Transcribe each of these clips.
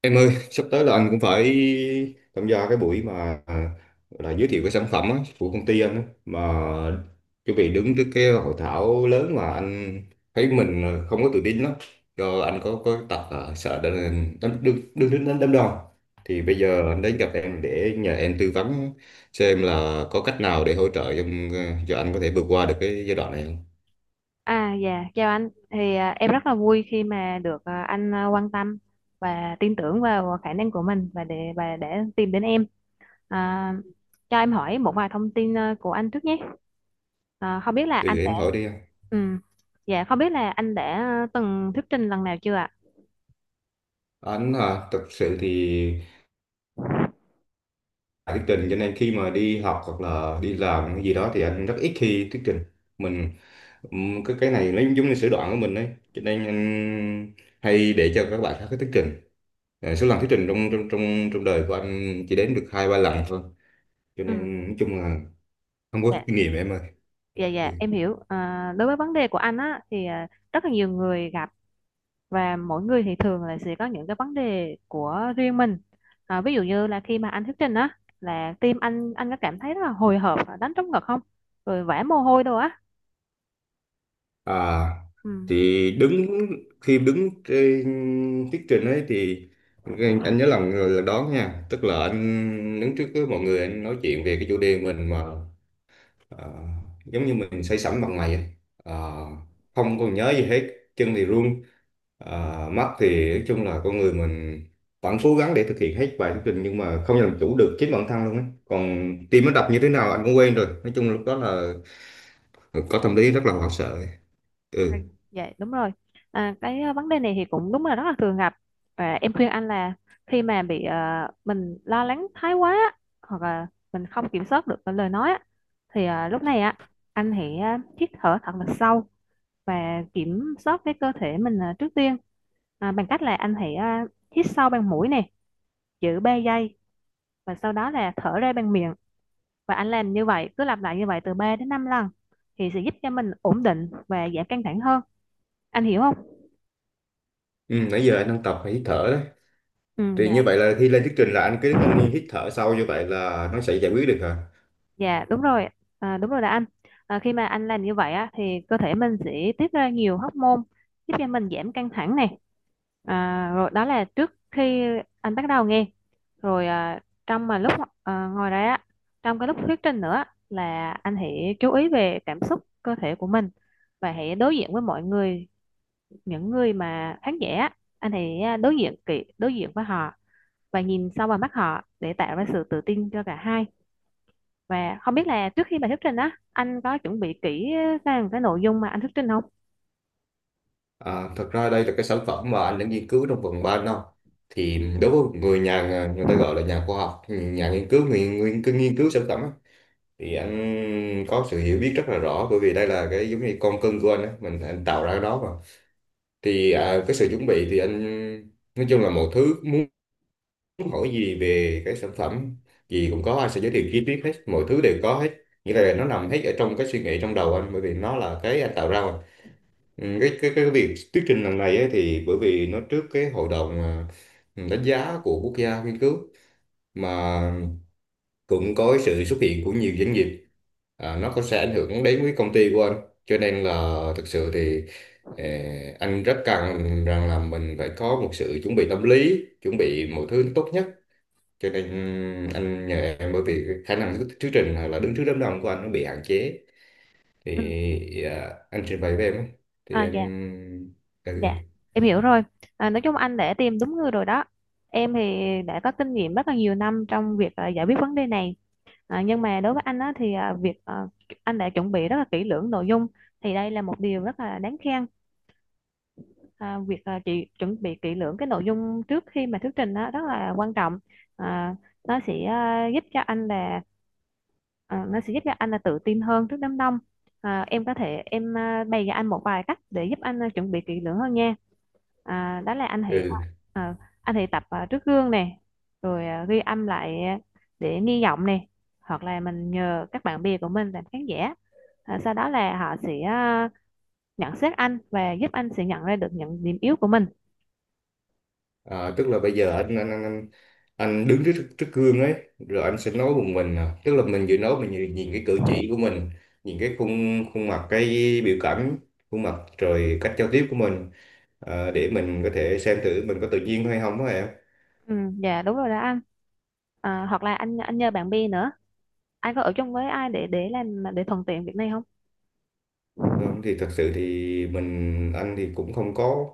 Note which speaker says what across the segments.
Speaker 1: Em ơi, sắp tới là anh cũng phải tham gia cái buổi mà gọi là giới thiệu cái sản phẩm á, của công ty anh á, mà chuẩn bị đứng trước cái hội thảo lớn mà anh thấy mình không có tự tin lắm, do anh có tật là sợ đánh đánh đứng đứng đứng đánh đám đông. Thì bây giờ anh đến gặp em để nhờ em tư vấn xem là có cách nào để hỗ trợ cho anh có thể vượt qua được cái giai đoạn này không?
Speaker 2: Chào anh. Em rất là vui khi mà được anh quan tâm và tin tưởng vào khả năng của mình và để tìm đến em. À, cho em hỏi một vài thông tin của anh trước nhé. À, không biết là anh
Speaker 1: Thì
Speaker 2: đã
Speaker 1: em hỏi đi anh.
Speaker 2: ừ, Dạ không biết là anh đã từng thuyết trình lần nào chưa ạ?
Speaker 1: Anh à, thật sự thì bài thuyết trình cho nên khi mà đi học hoặc là đi làm cái gì đó thì anh rất ít khi thuyết trình mình cái này nó giống như sở đoạn của mình đấy, cho nên anh hay để cho các bạn khác cái thuyết trình. Số lần thuyết trình trong trong trong trong đời của anh chỉ đến được hai ba lần thôi, cho
Speaker 2: Ừ.
Speaker 1: nên nói chung là không có
Speaker 2: Dạ.
Speaker 1: kinh nghiệm em ơi.
Speaker 2: dạ
Speaker 1: Ừ.
Speaker 2: dạ em hiểu. Đối với vấn đề của anh á thì rất là nhiều người gặp, và mỗi người thì thường là sẽ có những cái vấn đề của riêng mình. Ví dụ như là khi mà anh thuyết trình á, là tim anh có cảm thấy rất là hồi hộp và đánh trống ngực không, rồi vã mồ hôi đâu á?
Speaker 1: à
Speaker 2: Ừ.
Speaker 1: thì đứng, khi đứng trên thuyết trình ấy thì anh nhớ lần là đón nha, tức là anh đứng trước với mọi người anh nói chuyện về cái chủ đề mình mà. Ờ, Giống như mình say sẩm bằng mày ấy. Ờ, Không còn nhớ gì hết, chân thì run. Mắt thì nói chung là con người mình vẫn cố gắng để thực hiện hết bài thuyết trình nhưng mà không làm chủ được chính bản thân luôn ấy, còn tim nó đập như thế nào anh cũng quên rồi, nói chung lúc đó là có tâm lý rất là hoảng sợ.
Speaker 2: À,
Speaker 1: ừ,
Speaker 2: dạ đúng rồi. Vấn đề này thì cũng đúng là rất là thường gặp, và em khuyên anh là khi mà bị mình lo lắng thái quá á, hoặc là mình không kiểm soát được cái lời nói á, thì lúc này á, anh hãy hít thở thật là sâu và kiểm soát cái cơ thể mình trước tiên. Bằng cách là anh hãy hít sâu bằng mũi nè, giữ 3 giây, và sau đó là thở ra bằng miệng. Và anh làm như vậy, cứ lặp lại như vậy từ 3 đến 5 lần thì sẽ giúp cho mình ổn định và giảm căng thẳng hơn. Anh hiểu không?
Speaker 1: ừ, nãy giờ anh đang tập hít thở đấy.
Speaker 2: ừ,
Speaker 1: Thì như vậy là khi lên thuyết trình là anh cứ đứng anh hít thở sau, như vậy là nó sẽ giải quyết được hả?
Speaker 2: Dạ đúng rồi. Đúng rồi đó anh. Khi mà anh làm như vậy á, thì cơ thể mình sẽ tiết ra nhiều hormone giúp cho mình giảm căng thẳng này. Rồi đó là trước khi anh bắt đầu nghe rồi, à, trong mà lúc à, ngồi đấy á trong cái lúc thuyết trình nữa, là anh hãy chú ý về cảm xúc cơ thể của mình và hãy đối diện với mọi người, những người mà khán giả á, anh hãy đối diện với họ và nhìn sâu vào mắt họ để tạo ra sự tự tin cho cả hai. Và không biết là trước khi bài thuyết trình á, anh có chuẩn bị kỹ sang cái nội dung mà anh thuyết trình không?
Speaker 1: À, thật ra đây là cái sản phẩm mà anh đã nghiên cứu trong vòng 3 năm, thì đối với người nhà, người ta gọi là nhà khoa học nhà nghiên cứu, người, người, cứ nghiên cứu sản phẩm á, thì anh có sự hiểu biết rất là rõ bởi vì đây là cái giống như con cưng của anh á, mình anh tạo ra cái đó mà. Thì à, cái sự chuẩn bị thì anh nói chung là mọi thứ muốn hỏi gì về cái sản phẩm gì cũng có, anh sẽ giới thiệu chi tiết hết, mọi thứ đều có hết, nghĩa là nó nằm hết ở trong cái suy nghĩ trong đầu anh, bởi vì nó là cái anh tạo ra mà. Ừ, cái việc thuyết trình lần này ấy, thì bởi vì nó trước cái hội đồng à, đánh giá của quốc gia nghiên cứu mà, cũng có cái sự xuất hiện của nhiều doanh nghiệp, à, nó có sẽ ảnh hưởng đến với công ty của anh, cho nên là thực sự thì ờ, anh rất cần rằng là mình phải có một sự chuẩn bị tâm lý, chuẩn bị mọi thứ tốt nhất, cho nên anh nhờ em bởi vì khả năng thuyết thuyết trình hoặc là đứng trước đám đông của anh nó bị hạn chế.
Speaker 2: Ừ.
Speaker 1: Thì à, anh trình bày với em ấy, thì
Speaker 2: À,
Speaker 1: em
Speaker 2: dạ,
Speaker 1: ừ.
Speaker 2: dạ, em hiểu rồi. À, nói chung anh đã tìm đúng người rồi đó. Em thì đã có kinh nghiệm rất là nhiều năm trong việc giải quyết vấn đề này. À, nhưng mà đối với anh á, thì anh đã chuẩn bị rất là kỹ lưỡng nội dung thì đây là một điều rất là đáng khen. Chị chuẩn bị kỹ lưỡng cái nội dung trước khi mà thuyết trình đó rất là quan trọng. à, nó sẽ à, giúp cho anh là à, nó sẽ giúp cho anh là tự tin hơn trước đám đông. Em có thể bày cho anh một vài cách để giúp anh chuẩn bị kỹ lưỡng hơn nha. Đó là anh hãy
Speaker 1: Ừ.
Speaker 2: à, anh hãy tập trước gương nè, rồi ghi âm lại để nghi giọng nè, hoặc là mình nhờ các bạn bè của mình làm khán giả. Sau đó là họ sẽ nhận xét anh và giúp anh sẽ nhận ra được những điểm yếu của mình.
Speaker 1: Ờ, tức là bây giờ anh anh đứng trước trước gương ấy, rồi anh sẽ nói một mình à. Tức là mình vừa nói mình nhìn cái cử chỉ của mình, nhìn cái khuôn khuôn mặt, cái biểu cảm khuôn mặt, rồi cách giao tiếp của mình, ờ, để mình có thể xem thử mình có tự nhiên hay không á em.
Speaker 2: ừ, dạ đúng rồi đó anh. Hoặc là anh nhờ bạn bè nữa. Anh có ở chung với ai để thuận tiện việc này không?
Speaker 1: Không thì thật sự thì mình anh thì cũng không có,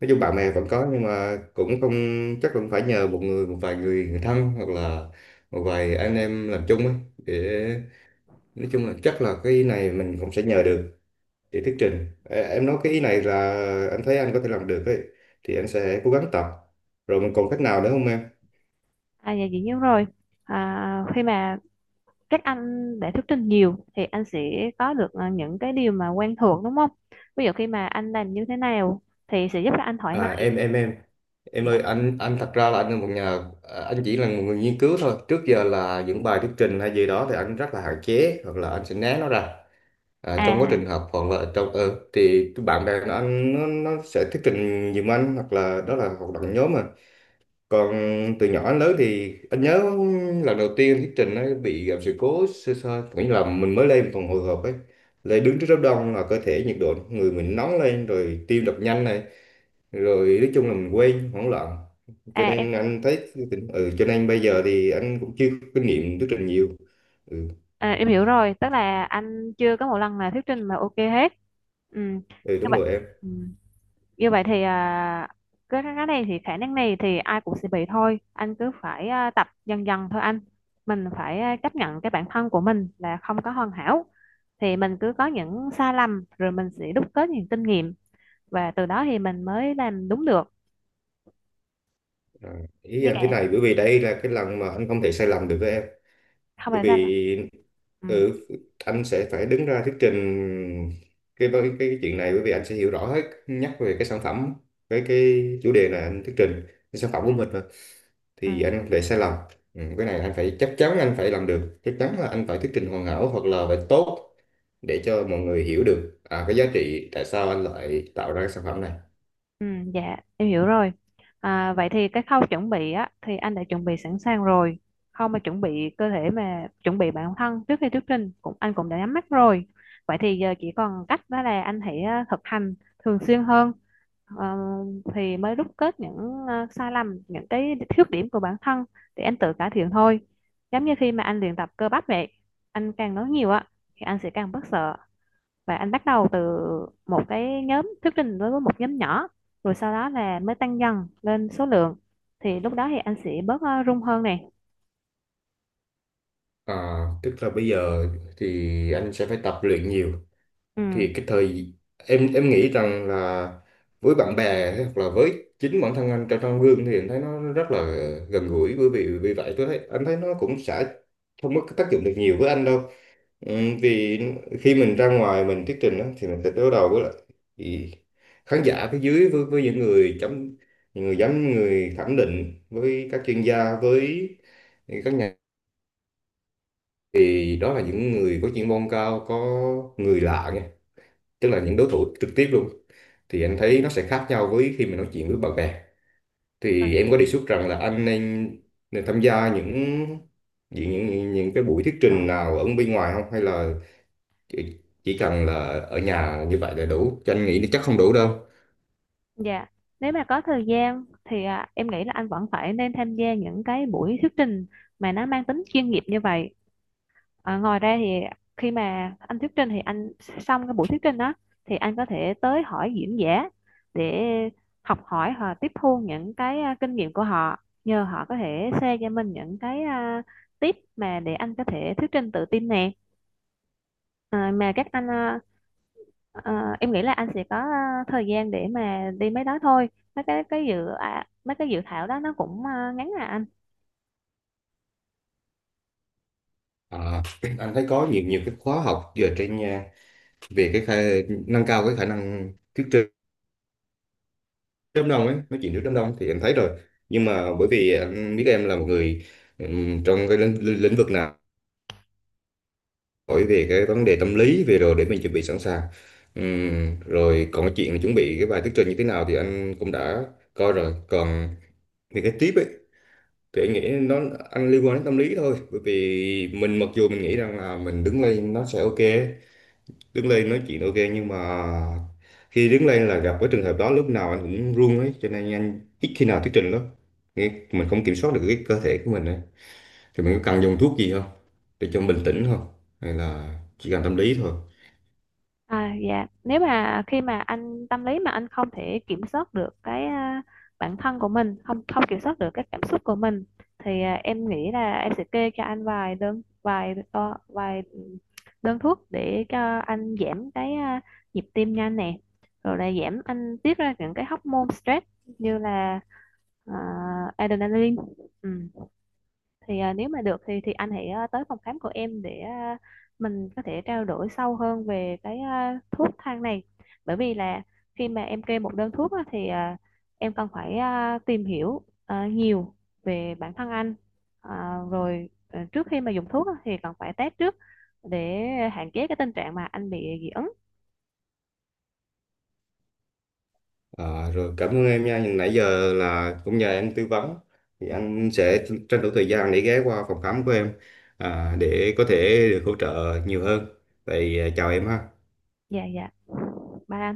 Speaker 1: nói chung bạn bè vẫn có nhưng mà cũng không chắc, cũng phải nhờ một người, một vài người thân hoặc là một vài anh em làm chung ấy, để nói chung là chắc là cái ý này mình cũng sẽ nhờ được để thuyết trình. Ê, em nói cái ý này là anh thấy anh có thể làm được ấy, thì anh sẽ cố gắng tập, rồi mình còn cách nào nữa không em?
Speaker 2: À dạ, dĩ nhiên rồi. Khi mà các anh đã thuyết trình nhiều thì anh sẽ có được những cái điều mà quen thuộc, đúng không? Ví dụ khi mà anh làm như thế nào thì sẽ giúp cho anh thoải
Speaker 1: à
Speaker 2: mái.
Speaker 1: em em em em
Speaker 2: Dạ.
Speaker 1: ơi, anh thật ra là anh là một nhà à, anh chỉ là một người nghiên cứu thôi, trước giờ là những bài thuyết trình hay gì đó thì anh rất là hạn chế, hoặc là anh sẽ né nó ra. À, trong quá trình
Speaker 2: à
Speaker 1: học hoặc là trong ờ thì cái bạn bè của anh nó sẽ thuyết trình giùm anh, hoặc là đó là hoạt động nhóm mà, còn từ nhỏ đến lớn thì anh nhớ lần đầu tiên thuyết trình ấy bị gặp sự cố sơ sơ, nghĩa là mình mới lên phòng hồi hộp ấy, lên đứng trước đám đông là cơ thể nhiệt độ người mình nóng lên, rồi tim đập nhanh này, rồi nói chung là mình quên, hoảng loạn, cho
Speaker 2: à em
Speaker 1: nên anh thấy cho nên bây giờ thì anh cũng chưa có kinh nghiệm thuyết trình nhiều. ừ,
Speaker 2: em hiểu rồi, tức là anh chưa có một lần là thuyết trình mà ok hết. Ừ.
Speaker 1: ừ,
Speaker 2: Như
Speaker 1: đúng
Speaker 2: vậy.
Speaker 1: rồi em.
Speaker 2: Ừ. Như vậy thì cái này thì khả năng này thì ai cũng sẽ bị thôi anh. Cứ phải tập dần dần thôi anh. Mình phải chấp nhận cái bản thân của mình là không có hoàn hảo, thì mình cứ có những sai lầm rồi mình sẽ đúc kết những kinh nghiệm, và từ đó thì mình mới làm đúng được.
Speaker 1: À, ý
Speaker 2: Như
Speaker 1: anh thế
Speaker 2: kẻ
Speaker 1: này, bởi vì đây là cái lần mà anh không thể sai lầm được với em,
Speaker 2: không
Speaker 1: bởi
Speaker 2: phải sai lầm.
Speaker 1: vì
Speaker 2: Ừ.
Speaker 1: ừ, anh sẽ phải đứng ra thuyết trình cái chuyện này, bởi vì anh sẽ hiểu rõ hết nhắc về cái sản phẩm, với cái chủ đề này anh thuyết trình cái sản phẩm của mình mà,
Speaker 2: Ừ.
Speaker 1: thì anh không thể sai lầm. Ừ, cái này anh phải chắc chắn anh phải làm được, chắc chắn là anh phải thuyết trình hoàn hảo hoặc là phải tốt, để cho mọi người hiểu được à, cái giá trị tại sao anh lại tạo ra cái sản phẩm này.
Speaker 2: Ừ, dạ em hiểu rồi. À, vậy thì cái khâu chuẩn bị á thì anh đã chuẩn bị sẵn sàng rồi. Khâu mà chuẩn bị cơ thể mà chuẩn bị bản thân trước khi thuyết trình cũng anh cũng đã nhắm mắt rồi. Vậy thì giờ chỉ còn cách đó là anh hãy thực hành thường xuyên hơn. Ờ, thì mới rút kết những sai lầm, những cái khuyết điểm của bản thân để anh tự cải thiện thôi. Giống như khi mà anh luyện tập cơ bắp vậy, anh càng nói nhiều á thì anh sẽ càng bớt sợ. Và anh bắt đầu từ một cái nhóm thuyết trình, đối với một nhóm nhỏ, rồi sau đó là mới tăng dần lên số lượng, thì lúc đó thì anh sẽ bớt rung hơn này.
Speaker 1: À, tức là bây giờ thì anh sẽ phải tập luyện nhiều.
Speaker 2: Ừ.
Speaker 1: Thì cái thời em nghĩ rằng là với bạn bè hoặc là với chính bản thân anh trong trong gương thì anh thấy nó rất là gần gũi, bởi vì vì vậy tôi thấy anh thấy nó cũng sẽ không có tác dụng được nhiều với anh đâu. Vì khi mình ra ngoài mình thuyết trình á, thì mình sẽ đối đầu với lại thì khán giả phía dưới với những người chấm, những người giám, người thẩm định, với các chuyên gia, với các nhà, thì đó là những người có chuyên môn cao, có người lạ nha, tức là những đối thủ trực tiếp luôn, thì anh thấy nó sẽ khác nhau với khi mình nói chuyện với bạn bè. Thì em có đề xuất rằng là anh nên tham gia những những cái buổi thuyết trình nào ở bên ngoài không, hay là chỉ, chỉ cần là ở nhà như vậy là đủ, cho anh nghĩ nó chắc không đủ đâu.
Speaker 2: Dạ, nếu mà có thời gian thì em nghĩ là anh vẫn phải nên tham gia những cái buổi thuyết trình mà nó mang tính chuyên nghiệp như vậy. Ờ, ngoài ra thì khi mà anh thuyết trình thì anh xong cái buổi thuyết trình đó thì anh có thể tới hỏi diễn giả để học hỏi và tiếp thu những cái kinh nghiệm của họ, nhờ họ có thể share cho mình những cái tip mà để anh có thể thuyết trình tự tin nè. À, mà các anh à, à, Em nghĩ là anh sẽ có thời gian để mà đi mấy đó thôi. Mấy cái dự thảo đó nó cũng ngắn à anh.
Speaker 1: À, anh thấy có nhiều nhiều cái khóa học giờ trên nhà về cái nâng cao cái khả năng thuyết trình trước đám đông ấy, nói chuyện trước đám đông thì anh thấy rồi, nhưng mà bởi vì anh biết em là một người trong cái lĩnh, lĩnh lĩnh vực nào, hỏi về cái vấn đề tâm lý về rồi để mình chuẩn bị sẵn sàng. Rồi còn cái chuyện chuẩn bị cái bài thuyết trình như thế nào thì anh cũng đã coi rồi, còn về cái tiếp ấy thì anh nghĩ nó anh liên quan đến tâm lý thôi, bởi vì mình mặc dù mình nghĩ rằng là mình đứng lên nó sẽ ok, đứng lên nói chuyện ok, nhưng mà khi đứng lên là gặp cái trường hợp đó lúc nào anh cũng run ấy, cho nên anh ít khi nào thuyết trình lắm. Nghĩ mình không kiểm soát được cái cơ thể của mình ấy, thì mình có cần dùng thuốc gì không, để cho bình tĩnh không, hay là chỉ cần tâm lý thôi?
Speaker 2: À, dạ nếu mà khi mà anh tâm lý mà anh không thể kiểm soát được cái bản thân của mình, không không kiểm soát được các cảm xúc của mình, thì em nghĩ là em sẽ kê cho anh vài đơn thuốc để cho anh giảm cái nhịp tim nhanh nè, rồi là giảm anh tiết ra những cái hormone stress như là à, adrenaline. Ừ, thì nếu mà được thì anh hãy tới phòng khám của em để mình có thể trao đổi sâu hơn về cái thuốc thang này, bởi vì là khi mà em kê một đơn thuốc á, thì em cần phải tìm hiểu nhiều về bản thân anh. À, rồi trước khi mà dùng thuốc á, thì cần phải test trước để hạn chế cái tình trạng mà anh bị dị ứng.
Speaker 1: Ờ, rồi cảm ơn em nha. Nhưng nãy giờ là cũng nhờ em tư vấn, thì anh sẽ tranh thủ thời gian để ghé qua phòng khám của em, à, để có thể được hỗ trợ nhiều hơn. Vậy à, chào em ha.
Speaker 2: Dạ dạ ba anh.